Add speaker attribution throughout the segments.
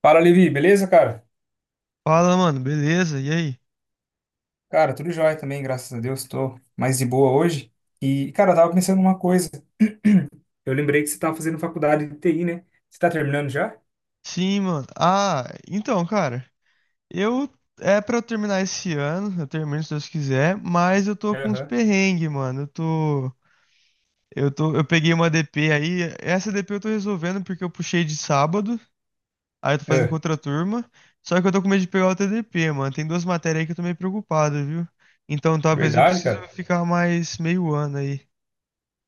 Speaker 1: Fala, Levi, beleza, cara?
Speaker 2: Fala, mano, beleza? E aí?
Speaker 1: Cara, tudo jóia também, graças a Deus, tô mais de boa hoje. E, cara, eu tava pensando numa coisa. Eu lembrei que você tava fazendo faculdade de TI, né? Você tá terminando já?
Speaker 2: Sim, mano. Ah, então, cara, eu é pra eu terminar esse ano, eu termino se Deus quiser, mas eu tô com uns
Speaker 1: Aham.
Speaker 2: perrengues, mano. Eu tô eu tô eu peguei uma DP aí, essa DP eu tô resolvendo porque eu puxei de sábado, aí eu tô fazendo com
Speaker 1: É,
Speaker 2: outra turma, só que eu tô com medo de pegar outra DP, mano. Tem duas matérias aí que eu tô meio preocupado, viu? Então, talvez eu
Speaker 1: verdade,
Speaker 2: precise
Speaker 1: cara?
Speaker 2: ficar mais meio ano aí.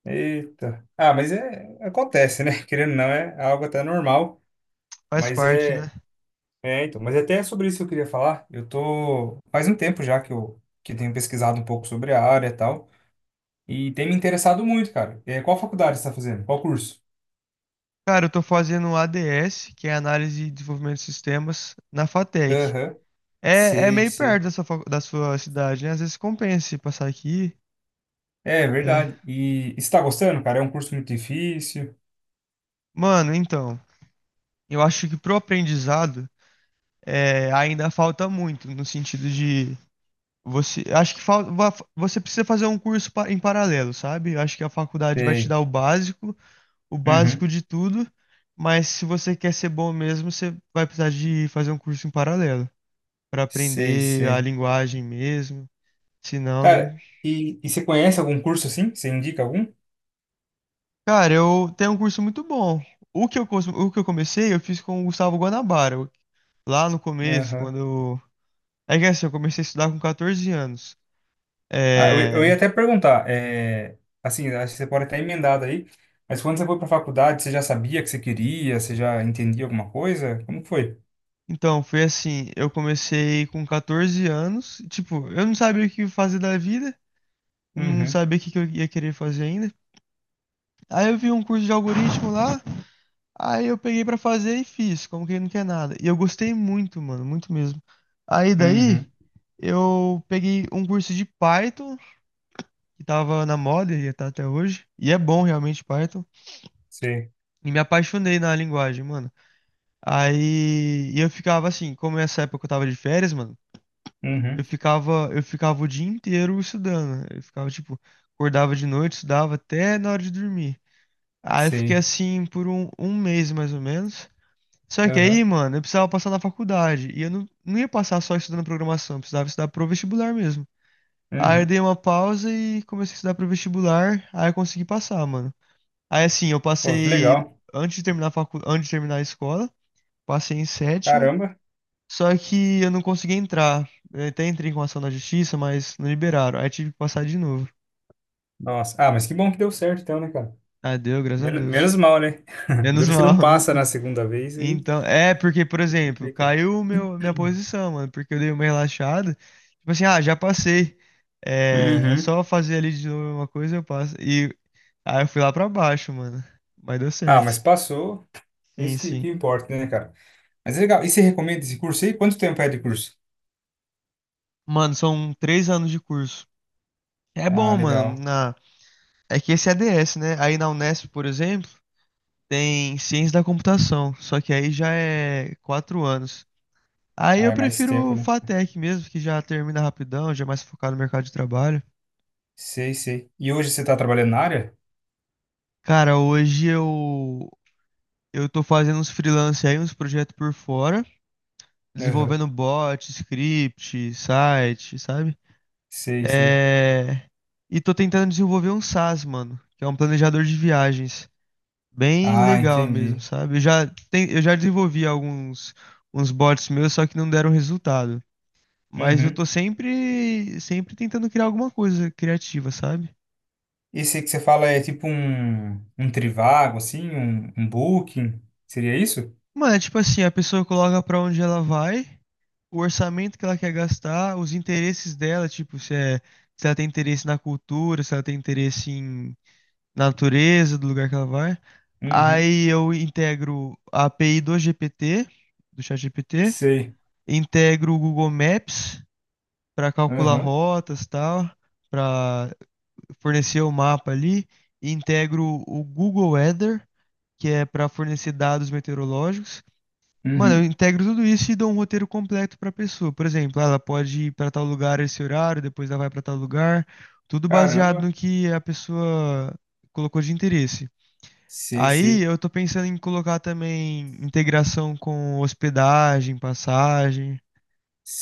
Speaker 1: Eita. Ah, mas é, acontece, né? Querendo ou não, é algo até normal.
Speaker 2: Faz
Speaker 1: Mas
Speaker 2: parte, né?
Speaker 1: é, então, mas é até sobre isso que eu queria falar. Eu tô, faz um tempo já que eu tenho pesquisado um pouco sobre a área e tal. E tem me interessado muito, cara. É, qual faculdade você tá fazendo? Qual curso?
Speaker 2: Cara, eu tô fazendo ADS, que é Análise e Desenvolvimento de Sistemas, na FATEC.
Speaker 1: Aham.
Speaker 2: É, é
Speaker 1: Sei,
Speaker 2: meio
Speaker 1: sei.
Speaker 2: perto da sua, da sua cidade, né? Às vezes compensa se passar aqui.
Speaker 1: É
Speaker 2: É.
Speaker 1: verdade. E está gostando, cara? É um curso muito difícil.
Speaker 2: Mano, então, eu acho que pro aprendizado ainda falta muito, no sentido de você. Acho que falta, você precisa fazer um curso em paralelo, sabe? Eu acho que a faculdade vai te
Speaker 1: Sei.
Speaker 2: dar o básico
Speaker 1: Uhum.
Speaker 2: de tudo, mas se você quer ser bom mesmo, você vai precisar de fazer um curso em paralelo, pra
Speaker 1: Sei,
Speaker 2: aprender a
Speaker 1: sei.
Speaker 2: linguagem mesmo. Se não, nem.
Speaker 1: Cara, e você conhece algum curso assim? Você indica algum?
Speaker 2: Cara, eu tenho um curso muito bom. O que eu comecei, eu fiz com o Gustavo Guanabara. Lá no começo,
Speaker 1: Aham.
Speaker 2: quando eu. É que assim, eu comecei a estudar com 14 anos.
Speaker 1: Ah, eu ia
Speaker 2: É.
Speaker 1: até perguntar, é, assim, acho que você pode até emendar aí, mas quando você foi para faculdade, você já sabia que você queria? Você já entendia alguma coisa? Como que foi?
Speaker 2: Então, foi assim, eu comecei com 14 anos, tipo, eu não sabia o que fazer da vida, não
Speaker 1: Uhum,
Speaker 2: sabia o que que eu ia querer fazer ainda. Aí eu vi um curso de algoritmo lá. Aí eu peguei pra fazer e fiz, como quem não quer nada. E eu gostei muito, mano, muito mesmo. Aí daí
Speaker 1: uhum,
Speaker 2: eu peguei um curso de Python, que tava na moda e tá até hoje. E é bom realmente Python.
Speaker 1: sei,
Speaker 2: E me apaixonei na linguagem, mano. Aí e eu ficava assim, como nessa época eu tava de férias, mano, eu
Speaker 1: uhum,
Speaker 2: ficava, eu ficava o dia inteiro estudando. Eu ficava, tipo, acordava de noite, estudava até na hora de dormir. Aí eu fiquei
Speaker 1: sei,
Speaker 2: assim por um mês mais ou menos. Só que aí,
Speaker 1: aham,
Speaker 2: mano, eu precisava passar na faculdade. E eu não ia passar só estudando programação, eu precisava estudar pro vestibular mesmo. Aí eu
Speaker 1: uhum.
Speaker 2: dei uma pausa e comecei a estudar pro vestibular, aí eu consegui passar, mano. Aí assim, eu
Speaker 1: Pô, que
Speaker 2: passei
Speaker 1: legal.
Speaker 2: antes de terminar a antes de terminar a escola, passei em sétimo,
Speaker 1: Caramba.
Speaker 2: só que eu não consegui entrar. Eu até entrei com ação na justiça, mas não liberaram. Aí tive que passar de novo.
Speaker 1: Nossa. Ah, mas que bom que deu certo então, né, cara?
Speaker 2: Ah, deu, graças a
Speaker 1: Menos
Speaker 2: Deus.
Speaker 1: mal, né?
Speaker 2: Menos
Speaker 1: Duro se
Speaker 2: mal.
Speaker 1: não passa na segunda vez aí
Speaker 2: Então, é porque, por exemplo,
Speaker 1: complica.
Speaker 2: minha posição, mano, porque eu dei uma relaxada. Tipo assim, ah, já passei. É, é
Speaker 1: Uhum.
Speaker 2: só fazer ali de novo uma coisa, eu passo. E aí eu fui lá pra baixo, mano. Mas deu
Speaker 1: Ah, mas
Speaker 2: certo.
Speaker 1: passou.
Speaker 2: Sim,
Speaker 1: Isso que,
Speaker 2: sim.
Speaker 1: que importa, né, cara? Mas é legal. E você recomenda esse curso aí? Quanto tempo é de curso?
Speaker 2: Mano, são três anos de curso. É
Speaker 1: Ah,
Speaker 2: bom, mano.
Speaker 1: legal.
Speaker 2: Na... É que esse é ADS, né? Aí na Unesp, por exemplo, tem ciência da computação. Só que aí já é quatro anos. Aí
Speaker 1: Ah,
Speaker 2: eu
Speaker 1: é mais
Speaker 2: prefiro
Speaker 1: tempo,
Speaker 2: o
Speaker 1: né?
Speaker 2: FATEC mesmo, que já termina rapidão, já é mais focado no mercado de trabalho.
Speaker 1: Sei, sei. E hoje você tá trabalhando na área?
Speaker 2: Cara, hoje eu tô fazendo uns freelance aí, uns projetos por fora,
Speaker 1: Aham.
Speaker 2: desenvolvendo bot, script, site, sabe?
Speaker 1: Sei, sei.
Speaker 2: É... E tô tentando desenvolver um SaaS, mano, que é um planejador de viagens. Bem
Speaker 1: Ah,
Speaker 2: legal mesmo,
Speaker 1: entendi.
Speaker 2: sabe? Eu já desenvolvi alguns uns bots meus, só que não deram resultado. Mas eu tô
Speaker 1: Uhum.
Speaker 2: sempre tentando criar alguma coisa criativa, sabe?
Speaker 1: Esse aí que você fala é tipo um, um Trivago, assim, um Booking? Seria isso?
Speaker 2: Mano, é tipo assim, a pessoa coloca pra onde ela vai, o orçamento que ela quer gastar, os interesses dela, tipo, se, se ela tem interesse na cultura, se ela tem interesse na natureza do lugar que ela vai.
Speaker 1: Uhum.
Speaker 2: Aí eu integro a API do GPT, do ChatGPT,
Speaker 1: Sei.
Speaker 2: integro o Google Maps para calcular
Speaker 1: Aham.
Speaker 2: rotas e tal, para fornecer o mapa ali, e integro o Google Weather, que é para fornecer dados meteorológicos. Mano, eu
Speaker 1: Uhum.
Speaker 2: integro tudo isso e dou um roteiro completo pra pessoa. Por exemplo, ela pode ir pra tal lugar esse horário, depois ela vai pra tal lugar, tudo baseado
Speaker 1: Caramba.
Speaker 2: no que a pessoa colocou de interesse.
Speaker 1: Sei,
Speaker 2: Aí
Speaker 1: sei.
Speaker 2: eu tô pensando em colocar também integração com hospedagem, passagem.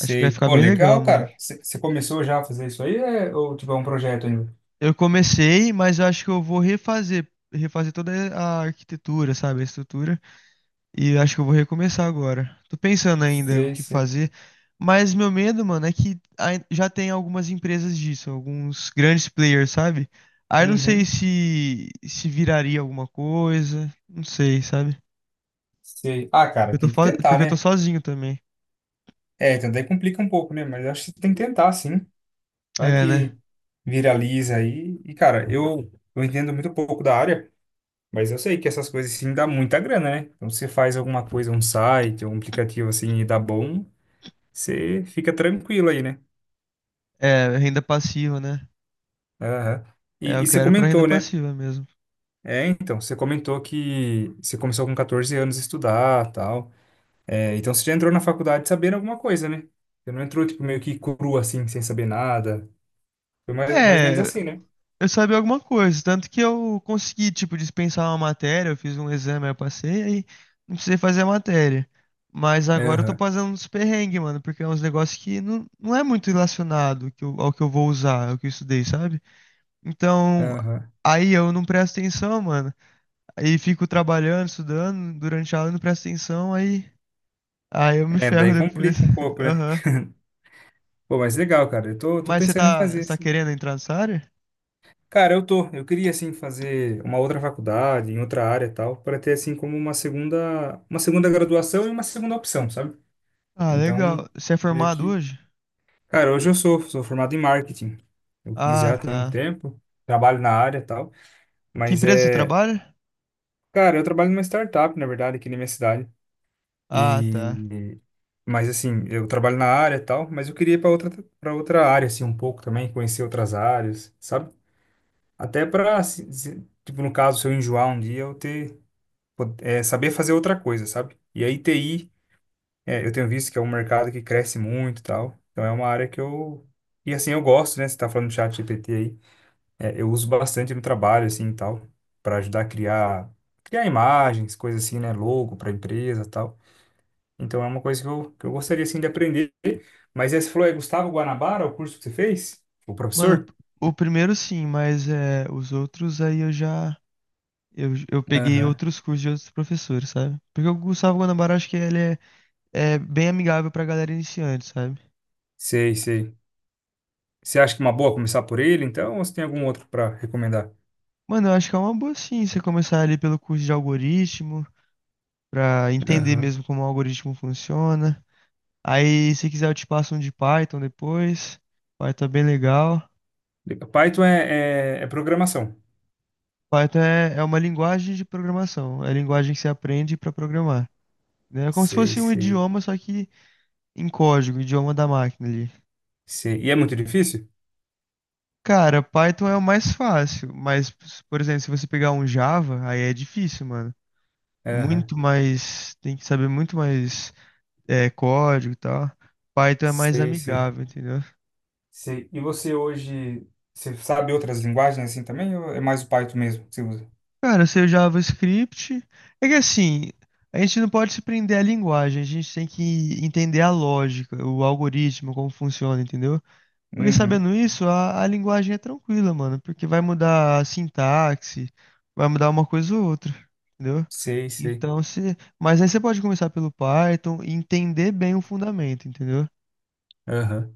Speaker 2: Acho que vai ficar
Speaker 1: Pô,
Speaker 2: bem legal,
Speaker 1: legal,
Speaker 2: mano.
Speaker 1: cara. Você começou já a fazer isso aí, é, ou tipo, é um projeto ainda?
Speaker 2: Eu comecei, mas eu acho que eu vou refazer, refazer toda a arquitetura, sabe, a estrutura. E acho que eu vou recomeçar agora. Tô pensando ainda o
Speaker 1: Sei,
Speaker 2: que
Speaker 1: sei.
Speaker 2: fazer, mas meu medo, mano, é que já tem algumas empresas disso, alguns grandes players, sabe? Aí não sei
Speaker 1: Uhum.
Speaker 2: se viraria alguma coisa, não sei, sabe?
Speaker 1: Sei. Ah, cara, tem que tentar,
Speaker 2: Porque eu tô
Speaker 1: né?
Speaker 2: sozinho também.
Speaker 1: É, então daí complica um pouco, né? Mas acho que você tem que tentar, sim. Vai
Speaker 2: É, né?
Speaker 1: que viraliza aí. E, cara, eu entendo muito pouco da área, mas eu sei que essas coisas, assim, dá muita grana, né? Então, se você faz alguma coisa, um site, um aplicativo, assim, e dá bom, você fica tranquilo aí, né?
Speaker 2: É, renda passiva, né?
Speaker 1: Aham.
Speaker 2: É,
Speaker 1: E,
Speaker 2: eu
Speaker 1: e você
Speaker 2: quero pra renda
Speaker 1: comentou, né?
Speaker 2: passiva mesmo.
Speaker 1: É, então, você comentou que você começou com 14 anos a estudar, tal. É, então você já entrou na faculdade sabendo alguma coisa, né? Você não entrou, tipo, meio que cru, assim, sem saber nada. Foi mais ou menos
Speaker 2: É,
Speaker 1: assim, né?
Speaker 2: eu sabia alguma coisa, tanto que eu consegui, tipo, dispensar uma matéria, eu fiz um exame, aí eu passei, aí não precisei fazer a matéria. Mas agora eu tô
Speaker 1: Aham,
Speaker 2: fazendo uns perrengues, mano, porque é uns negócios que não é muito relacionado ao que eu vou usar, ao que eu estudei, sabe? Então,
Speaker 1: aham.
Speaker 2: aí eu não presto atenção, mano, aí fico trabalhando, estudando, durante a aula eu não presto atenção, aí eu me
Speaker 1: É,
Speaker 2: ferro
Speaker 1: daí
Speaker 2: depois.
Speaker 1: complica um pouco, né?
Speaker 2: Aham.
Speaker 1: Pô, mas legal, cara. Eu tô
Speaker 2: Mas
Speaker 1: pensando em fazer,
Speaker 2: você tá
Speaker 1: assim.
Speaker 2: querendo entrar nessa área?
Speaker 1: Cara, eu tô. Eu queria, assim, fazer uma outra faculdade, em outra área e tal, para ter, assim, como uma segunda graduação e uma segunda opção, sabe?
Speaker 2: Ah,
Speaker 1: Então,
Speaker 2: legal. Você é
Speaker 1: meio
Speaker 2: formado
Speaker 1: que
Speaker 2: hoje?
Speaker 1: cara, hoje eu sou formado em marketing. Eu fiz
Speaker 2: Ah,
Speaker 1: já tem um
Speaker 2: tá.
Speaker 1: tempo, trabalho na área e tal,
Speaker 2: Que
Speaker 1: mas
Speaker 2: empresa você
Speaker 1: é,
Speaker 2: trabalha?
Speaker 1: cara, eu trabalho numa startup, na verdade, aqui na minha cidade.
Speaker 2: Ah, tá.
Speaker 1: E mas assim, eu trabalho na área e tal, mas eu queria ir para outra área assim um pouco também, conhecer outras áreas, sabe? Até para tipo no caso, se eu enjoar um dia, eu ter po- é, saber fazer outra coisa, sabe? E aí TI, é, eu tenho visto que é um mercado que cresce muito e tal. Então é uma área que eu e assim, eu gosto, né? Você tá falando do chat GPT aí. É, eu uso bastante no trabalho, assim, e tal, para ajudar a criar, criar imagens, coisas assim, né, logo para empresa, e tal. Então é uma coisa que eu gostaria, assim, de aprender. Mas aí você falou, é Gustavo Guanabara, o curso que você fez? O
Speaker 2: Mano,
Speaker 1: professor?
Speaker 2: o primeiro sim, mas é, os outros aí eu já. Eu peguei
Speaker 1: Aham.
Speaker 2: outros cursos de outros professores, sabe? Porque o Gustavo Guanabara, acho que é bem amigável pra galera iniciante, sabe?
Speaker 1: Sei, sei. Você acha que é uma boa começar por ele, então, ou você tem algum outro para recomendar?
Speaker 2: Mano, eu acho que é uma boa sim você começar ali pelo curso de algoritmo, pra entender
Speaker 1: Aham.
Speaker 2: mesmo como o algoritmo funciona. Aí, se quiser, eu te passo um de Python depois. Python é bem legal.
Speaker 1: Python é programação.
Speaker 2: Python é, é uma linguagem de programação, é a linguagem que você aprende pra programar, né? É como se
Speaker 1: Sei,
Speaker 2: fosse um
Speaker 1: sei,
Speaker 2: idioma, só que em código, o idioma da máquina ali.
Speaker 1: sei. E é muito difícil?
Speaker 2: Cara, Python é o mais fácil, mas, por exemplo, se você pegar um Java, aí é difícil, mano.
Speaker 1: Aham.
Speaker 2: Muito mais. Tem que saber muito mais código e tal. Python é mais
Speaker 1: Sei, sei.
Speaker 2: amigável, entendeu?
Speaker 1: Sei. E você hoje, você sabe outras linguagens assim também? Ou é mais o Python mesmo que você usa?
Speaker 2: Cara, seu JavaScript. É que assim, a gente não pode se prender à linguagem, a gente tem que entender a lógica, o algoritmo, como funciona, entendeu? Porque
Speaker 1: Uhum.
Speaker 2: sabendo isso, a linguagem é tranquila, mano, porque vai mudar a sintaxe, vai mudar uma coisa ou outra, entendeu?
Speaker 1: Sei, sei.
Speaker 2: Então, se, mas aí você pode começar pelo Python e entender bem o fundamento, entendeu?
Speaker 1: Aham.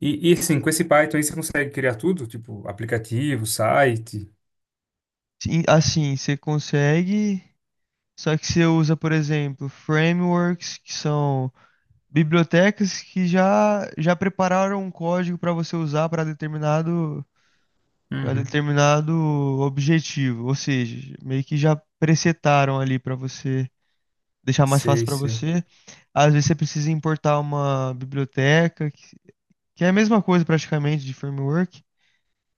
Speaker 1: E assim, com esse Python aí você consegue criar tudo? Tipo, aplicativo, site?
Speaker 2: Sim, assim, você consegue, só que você usa, por exemplo, frameworks, que são bibliotecas já prepararam um código para você usar para
Speaker 1: Uhum.
Speaker 2: determinado objetivo, ou seja, meio que já presetaram ali para você deixar mais fácil
Speaker 1: Sei,
Speaker 2: para
Speaker 1: sei.
Speaker 2: você. Às vezes você precisa importar uma biblioteca, que é a mesma coisa praticamente de framework,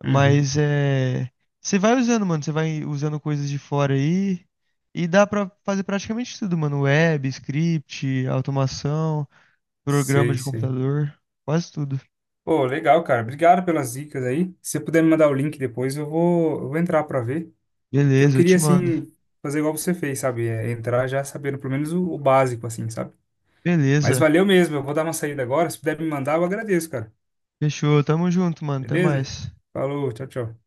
Speaker 1: Uhum.
Speaker 2: mas é, você vai usando coisas de fora aí e dá para fazer praticamente tudo, mano, web, script, automação, programa
Speaker 1: Sei,
Speaker 2: de
Speaker 1: sei.
Speaker 2: computador, quase tudo.
Speaker 1: Pô, legal, cara. Obrigado pelas dicas aí. Se você puder me mandar o link depois, eu vou entrar pra ver. Que eu
Speaker 2: Beleza, eu
Speaker 1: queria,
Speaker 2: te mando.
Speaker 1: assim, fazer igual você fez, sabe? É, entrar já sabendo pelo menos o básico, assim, sabe? Mas
Speaker 2: Beleza.
Speaker 1: valeu mesmo. Eu vou dar uma saída agora. Se puder me mandar, eu agradeço, cara.
Speaker 2: Fechou, tamo junto, mano, até
Speaker 1: Beleza?
Speaker 2: mais.
Speaker 1: Falou, tchau, tchau.